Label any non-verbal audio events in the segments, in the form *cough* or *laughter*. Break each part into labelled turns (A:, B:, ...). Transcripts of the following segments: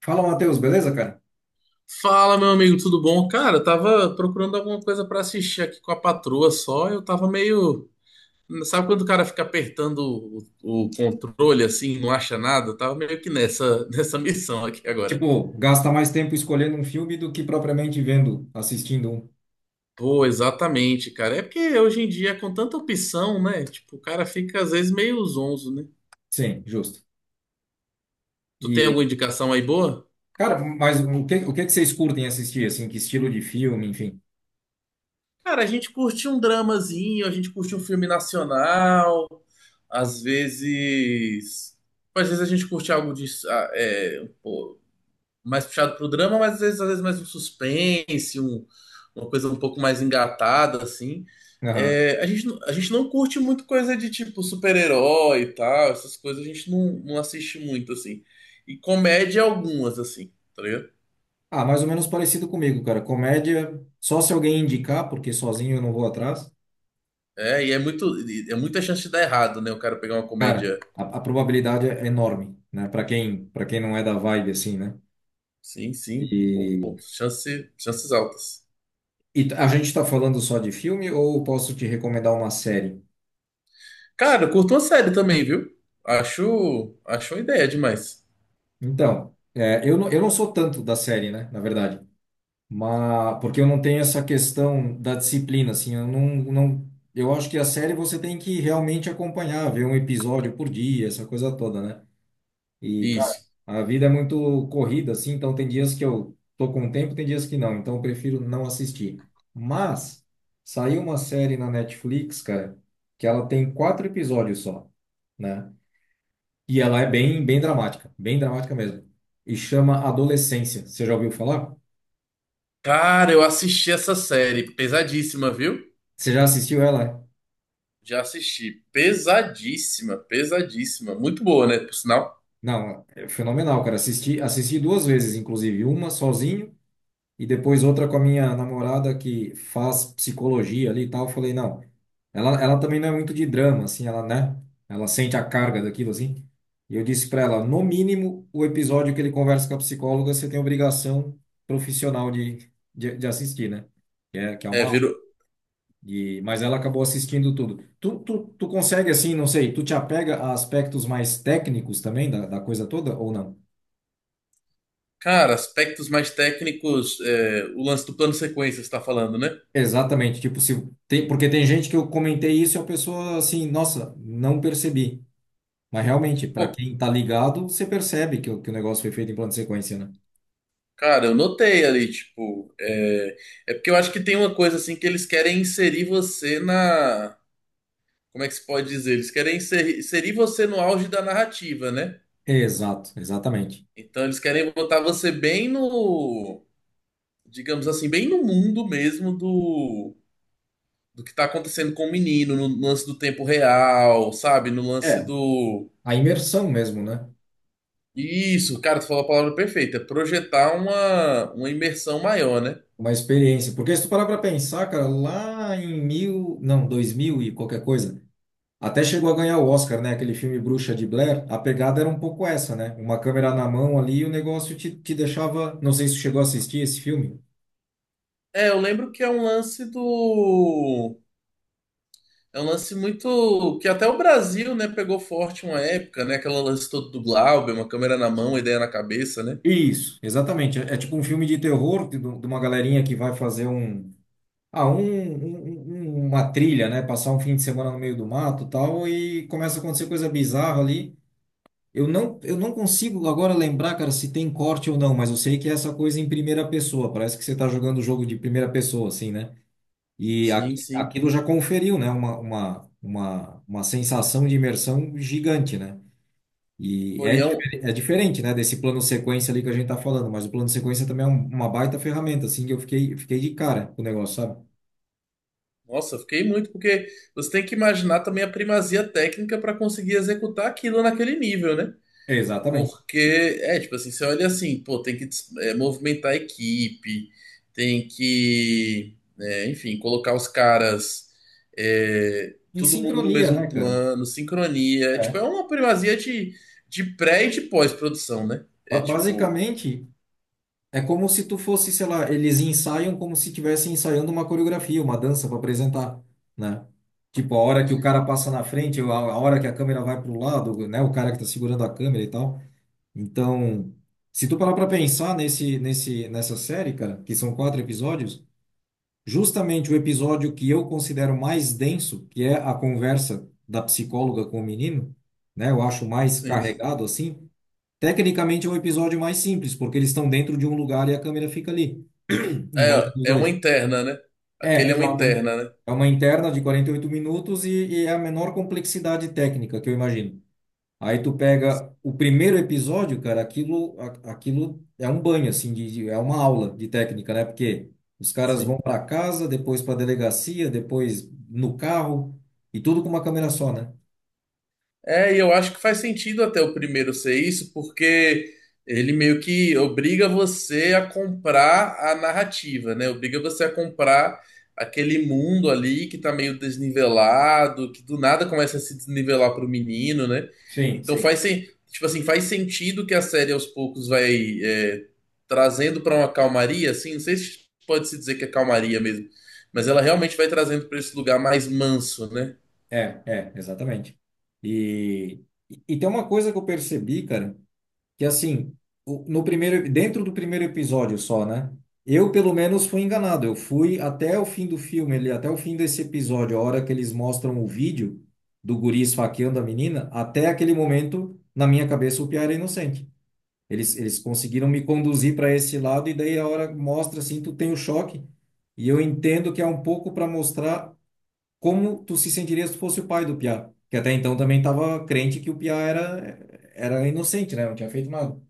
A: Fala, Matheus, beleza, cara?
B: Fala, meu amigo, tudo bom? Cara, eu tava procurando alguma coisa pra assistir aqui com a patroa só. Eu tava meio. Sabe quando o cara fica apertando o controle assim, não acha nada? Eu tava meio que nessa, *laughs* nessa missão aqui agora.
A: Tipo, gasta mais tempo escolhendo um filme do que propriamente vendo, assistindo um.
B: Pô, exatamente, cara. É porque hoje em dia, com tanta opção, né? Tipo, o cara fica às vezes meio zonzo, né?
A: Sim, justo.
B: Tu tem
A: E,
B: alguma indicação aí boa?
A: cara, mas o que que vocês curtem assistir, assim, que estilo de filme, enfim?
B: Cara, a gente curte um dramazinho, a gente curte um filme nacional, às vezes. Às vezes a gente curte algo de, ah, é, um pô, mais puxado pro drama, mas às vezes mais um suspense, uma coisa um pouco mais engatada, assim.
A: Aham.
B: É, a gente não curte muito coisa de tipo super-herói e tal, essas coisas a gente não assiste muito, assim. E comédia algumas, assim, tá ligado?
A: Ah, mais ou menos parecido comigo, cara. Comédia, só se alguém indicar, porque sozinho eu não vou atrás.
B: É, e é muita chance de dar errado, né? O cara pegar uma
A: Cara,
B: comédia.
A: a probabilidade é enorme, né? Para quem não é da vibe, assim, né?
B: Sim, sim.
A: E,
B: Chance, chances altas.
A: e a gente tá falando só de filme ou posso te recomendar uma série?
B: Cara, eu curto uma série também, viu? Acho uma ideia demais.
A: Então, é, eu não sou tanto da série, né, na verdade. Mas porque eu não tenho essa questão da disciplina, assim, eu não, não, eu acho que a série você tem que realmente acompanhar, ver um episódio por dia, essa coisa toda, né? E, cara,
B: Isso.
A: a vida é muito corrida, assim, então tem dias que eu tô com tempo, tem dias que não, então eu prefiro não assistir. Mas saiu uma série na Netflix, cara, que ela tem quatro episódios só, né? E ela é bem, bem dramática mesmo. E chama Adolescência. Você já ouviu falar?
B: Cara, eu assisti essa série. Pesadíssima, viu?
A: Você já assistiu ela?
B: Já assisti. Pesadíssima, pesadíssima. Muito boa, né? Por sinal.
A: Não, é fenomenal, cara. Assisti, assisti duas vezes, inclusive, uma sozinho e depois outra com a minha namorada que faz psicologia ali e tal. Eu falei, não, ela também não é muito de drama, assim, ela, né? Ela sente a carga daquilo, assim. E eu disse pra ela, no mínimo, o episódio que ele conversa com a psicóloga, você tem obrigação profissional de assistir, né? Que é
B: É,
A: uma...
B: virou.
A: E, mas ela acabou assistindo tudo. Tu consegue, assim, não sei, tu te apega a aspectos mais técnicos também da, da coisa toda ou não?
B: Cara, aspectos mais técnicos, é, o lance do plano sequência, você tá falando, né?
A: Exatamente, tipo, se tem, porque tem gente que eu comentei isso e a pessoa assim, nossa, não percebi. Mas realmente, para
B: Pô,
A: quem tá ligado, você percebe que, que o negócio foi feito em plano de sequência, né?
B: cara, eu notei ali, tipo. É, é porque eu acho que tem uma coisa assim que eles querem inserir você na como é que se pode dizer? Eles querem inserir você no auge da narrativa, né?
A: Exato, exatamente.
B: Então eles querem botar você bem no, digamos assim, bem no mundo mesmo do, do que tá acontecendo com o menino, no lance do tempo real, sabe? No lance
A: É,
B: do.
A: a imersão mesmo, né?
B: Isso, cara, tu falou a palavra perfeita. Projetar uma imersão maior, né?
A: Uma experiência. Porque se tu parar para pensar, cara, lá em mil, não, dois mil e qualquer coisa. Até chegou a ganhar o Oscar, né? Aquele filme Bruxa de Blair. A pegada era um pouco essa, né? Uma câmera na mão ali e o negócio te, te deixava. Não sei se você chegou a assistir esse filme.
B: É, eu lembro que é um lance do. É um lance muito. Que até o Brasil, né, pegou forte uma época, né? Aquela lance todo do Glauber, uma câmera na mão, uma ideia na cabeça, né?
A: Isso, exatamente. É, é tipo um filme de terror de uma galerinha que vai fazer um... Ah, uma trilha, né? Passar um fim de semana no meio do mato e tal. E começa a acontecer coisa bizarra ali. Eu não consigo agora lembrar, cara, se tem corte ou não, mas eu sei que é essa coisa em primeira pessoa. Parece que você tá jogando o jogo de primeira pessoa, assim, né? E
B: Sim,
A: aqui,
B: sim.
A: aquilo já conferiu, né? Uma sensação de imersão gigante, né? E
B: Pô,
A: é,
B: é um...
A: é diferente, né? Desse plano sequência ali que a gente tá falando, mas o plano sequência também é uma baita ferramenta, assim, que eu fiquei de cara com o negócio, sabe?
B: Nossa, eu fiquei muito, porque você tem que imaginar também a primazia técnica para conseguir executar aquilo naquele nível, né?
A: Exatamente.
B: Porque, é, tipo assim, você olha assim, pô, tem que é, movimentar a equipe, tem que, é, enfim, colocar os caras, é,
A: Em
B: todo mundo no
A: sincronia, né,
B: mesmo
A: cara?
B: plano, sincronia. É, tipo, é
A: É.
B: uma primazia de pré e de pós-produção, né? É tipo,
A: Basicamente, é como se tu fosse, sei lá, eles ensaiam como se estivessem ensaiando uma coreografia, uma dança para apresentar, né? Tipo, a hora que o cara passa na frente, a hora que a câmera vai para o lado, né? O cara que tá segurando a câmera e tal. Então, se tu parar para pensar nessa série, cara, que são quatro episódios, justamente o episódio que eu considero mais denso, que é a conversa da psicóloga com o menino, né? Eu acho mais
B: sim, sim.
A: carregado assim. Tecnicamente é um episódio mais simples, porque eles estão dentro de um lugar e a câmera fica ali, *clears throat* em volta dos
B: É, é uma
A: dois.
B: interna, né?
A: É,
B: Aquele é uma
A: exato. É
B: interna, né?
A: é uma interna de 48 minutos e é a menor complexidade técnica que eu imagino. Aí tu pega o primeiro episódio, cara, aquilo, aquilo é um banho, assim, de, é uma aula de técnica, né? Porque os caras
B: Sim.
A: vão para casa, depois para delegacia, depois no carro, e tudo com uma câmera só, né?
B: É, e eu acho que faz sentido até o primeiro ser isso, porque ele meio que obriga você a comprar a narrativa, né? Obriga você a comprar aquele mundo ali que tá meio desnivelado, que do nada começa a se desnivelar pro menino, né?
A: Sim,
B: Então
A: sim.
B: tipo assim, faz sentido que a série aos poucos vai é, trazendo para uma calmaria, assim, não sei se pode se dizer que é calmaria mesmo, mas ela realmente vai trazendo para esse lugar mais manso, né?
A: É, é, exatamente. E, e tem uma coisa que eu percebi, cara, que assim, no primeiro, dentro do primeiro episódio só, né? Eu, pelo menos, fui enganado. Eu fui até o fim do filme, ali, até o fim desse episódio, a hora que eles mostram o vídeo do guri esfaqueando a menina, até aquele momento, na minha cabeça, o Piá era inocente. Eles conseguiram me conduzir para esse lado, e daí a hora mostra assim, tu tem o choque. E eu entendo que é um pouco para mostrar como tu se sentirias se tu fosse o pai do Piá? Que até então também estava crente que o Piá era, era inocente, né? Não tinha feito nada.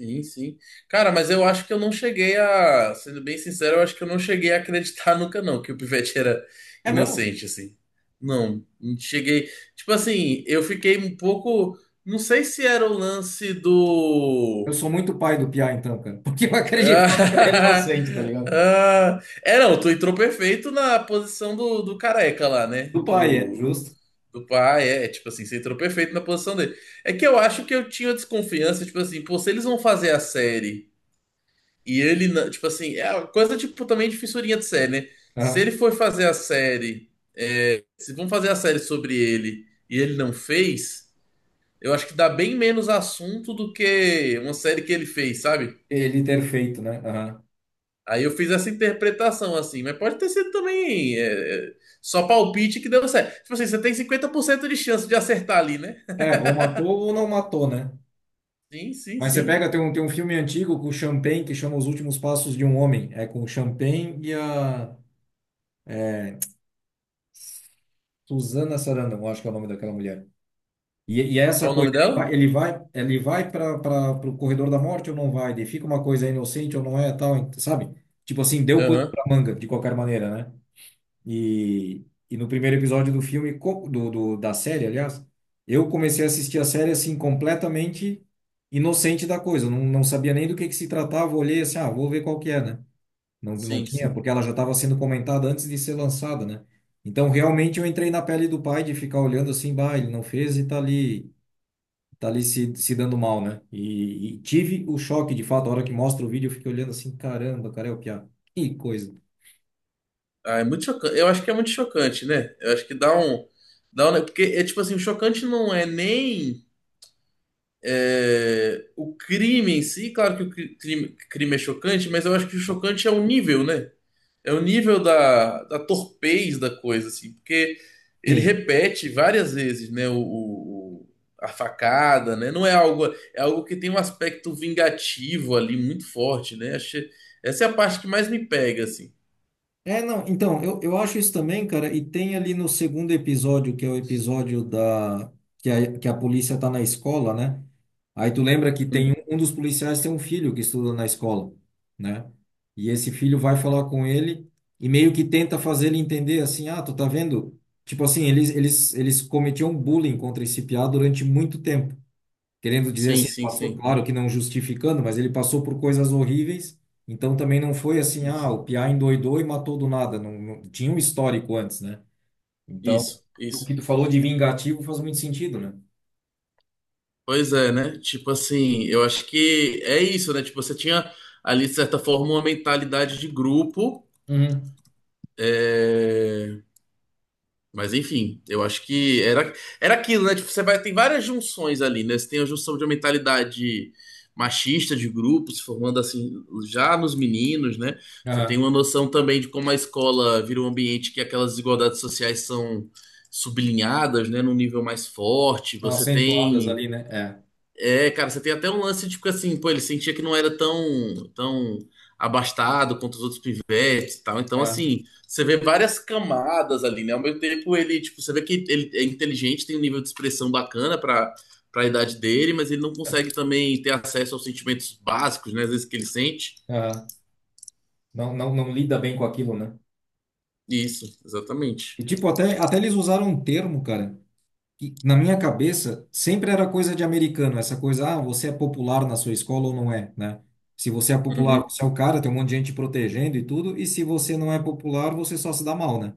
B: Sim, sim. Cara, mas eu acho que eu não cheguei a, sendo bem sincero, eu acho que eu não cheguei a acreditar *laughs* nunca não que o Pivete era
A: É mesmo?
B: inocente assim. Não, não cheguei. Tipo assim, eu fiquei um pouco, não sei se era o lance
A: Eu
B: do.
A: sou muito pai do Piá, então, cara. Porque eu *laughs* acreditava que ele era
B: Ah,
A: inocente, tá
B: *laughs*
A: ligado?
B: ah. É, não, tu entrou perfeito na posição do, do careca lá, né?
A: Do pai, é,
B: Do.
A: justo.
B: Do pai, é, tipo assim, você entrou perfeito na posição dele. É que eu acho que eu tinha desconfiança, tipo assim, pô, se eles vão fazer a série. E ele, tipo assim, é uma coisa tipo também de fissurinha de série, né? Se ele
A: Aham.
B: for fazer a série, se vão fazer a série sobre ele e ele não fez, eu acho que dá bem menos assunto do que uma série que ele fez, sabe?
A: Ele ter feito, né? Aham.
B: Aí eu fiz essa interpretação assim, mas pode ter sido também só palpite que deu certo. Tipo assim, você tem 50% de chance de acertar ali, né?
A: É, ou matou ou não matou, né?
B: Sim, sim,
A: Mas você
B: sim.
A: pega, tem um filme antigo com o Champagne que chama Os Últimos Passos de um Homem. É com o Champagne e a Suzana Sarandon, eu acho que é o nome daquela mulher. E é essa
B: Qual o
A: coisa,
B: nome
A: ele
B: dela?
A: vai, ele vai, ele vai para o corredor da morte ou não vai? Ele fica uma coisa inocente ou não é, tal, sabe? Tipo assim, deu pano
B: Aham.
A: pra manga, de qualquer maneira, né? E, e no primeiro episódio do filme, da série, aliás, eu comecei a assistir a série assim, completamente inocente da coisa. Não sabia nem do que se tratava, olhei assim, ah, vou ver qual que é, né? Não
B: Sim,
A: tinha,
B: sim.
A: porque ela já estava sendo comentada antes de ser lançada, né? Então, realmente, eu entrei na pele do pai de ficar olhando assim, bah, ele não fez e tá ali se dando mal, né? E tive o choque, de fato, a hora que mostra o vídeo, eu fiquei olhando assim, caramba, cara, é o Piá. Que coisa.
B: Ah, é muito chocante. Eu acho que é muito chocante, né? Eu acho que dá um. Dá um... Porque é tipo assim, o chocante não é nem é, o crime em si, claro que o crime, crime é chocante, mas eu acho que o chocante é o nível, né? É o nível da, da torpez da coisa, assim, porque ele
A: Sim.
B: repete várias vezes, né? A facada, né? Não é algo. É algo que tem um aspecto vingativo ali muito forte, né? Achei... Essa é a parte que mais me pega, assim.
A: É, não, então, eu acho isso também, cara, e tem ali no segundo episódio, que é o episódio da... que a polícia tá na escola, né? Aí tu lembra que tem
B: Uhum.
A: um, um dos policiais tem um filho que estuda na escola, né? E esse filho vai falar com ele e meio que tenta fazer ele entender assim, ah, tu tá vendo? Tipo assim, eles cometiam bullying contra esse piá durante muito tempo. Querendo dizer
B: Sim,
A: assim, ele
B: sim,
A: passou,
B: sim.
A: claro que não justificando, mas ele passou por coisas horríveis, então também não foi assim, ah, o Piá endoidou e matou do nada, tinha um histórico antes, né? Então,
B: Isso,
A: o
B: isso.
A: que tu falou de vingativo faz muito sentido, né?
B: Pois é, né? Tipo assim, eu acho que é isso, né? Tipo, você tinha ali, de certa forma, uma mentalidade de grupo.
A: Uhum.
B: É, Mas enfim, eu acho que era, era aquilo, né? Tipo, você vai, tem várias junções ali, né? Você tem a junção de uma mentalidade machista de grupo, se formando assim já nos meninos, né? Você tem
A: Aham.
B: uma noção também de como a escola vira um ambiente que aquelas desigualdades sociais são sublinhadas, né? Num nível mais forte.
A: São
B: Você
A: acentuadas
B: tem.
A: ali, né? É.
B: É, cara, você tem até um lance, tipo assim, pô, ele sentia que não era tão abastado quanto os outros pivetes e tal. Então,
A: Aham.
B: assim, você vê várias camadas ali, né? Ao mesmo tempo, ele, tipo, você vê que ele é inteligente, tem um nível de expressão bacana pra, pra idade dele, mas ele não consegue também ter acesso aos sentimentos básicos, né? Às vezes que ele sente.
A: Aham. Não lida bem com aquilo, né?
B: Isso, exatamente.
A: E tipo, até eles usaram um termo, cara, que, na minha cabeça, sempre era coisa de americano, essa coisa, ah, você é popular na sua escola ou não é, né? Se você é popular,
B: Uhum.
A: você é o cara, tem um monte de gente te protegendo e tudo, e se você não é popular, você só se dá mal, né?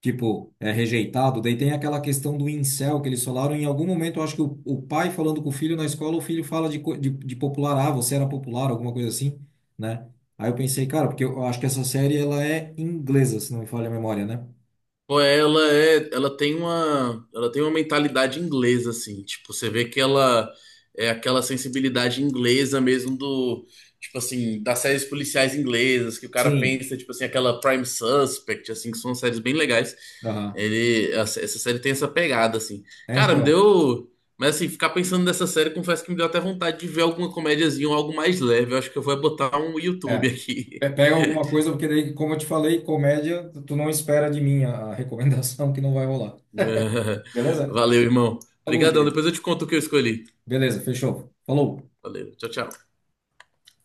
A: Tipo, é rejeitado. Daí tem aquela questão do incel que eles falaram. Em algum momento, eu acho que o pai falando com o filho na escola, o filho fala de, de popular, ah, você era popular, alguma coisa assim, né? Aí eu pensei, cara, porque eu acho que essa série ela é inglesa, se não me falha a memória, né?
B: Pô, é, ela é, ela tem uma mentalidade inglesa assim, tipo, você vê que ela é aquela sensibilidade inglesa mesmo do, tipo assim, das séries policiais inglesas, que o cara
A: Sim.
B: pensa, tipo assim, aquela Prime Suspect, assim, que são séries bem legais.
A: Aham.
B: Ele, essa série tem essa pegada assim.
A: É,
B: Cara, me
A: então.
B: deu, mas assim, ficar pensando nessa série, confesso que me deu até vontade de ver alguma comédiazinha ou algo mais leve. Eu acho que eu vou botar um YouTube
A: É.
B: aqui.
A: Pega alguma coisa, porque daí, como eu te falei, comédia, tu não espera de mim a recomendação que não vai rolar.
B: *laughs*
A: Beleza?
B: Valeu, irmão.
A: Falou,
B: Obrigadão.
A: querido.
B: Depois eu te conto o que eu escolhi.
A: Beleza, fechou. Falou.
B: Valeu. Tchau, tchau.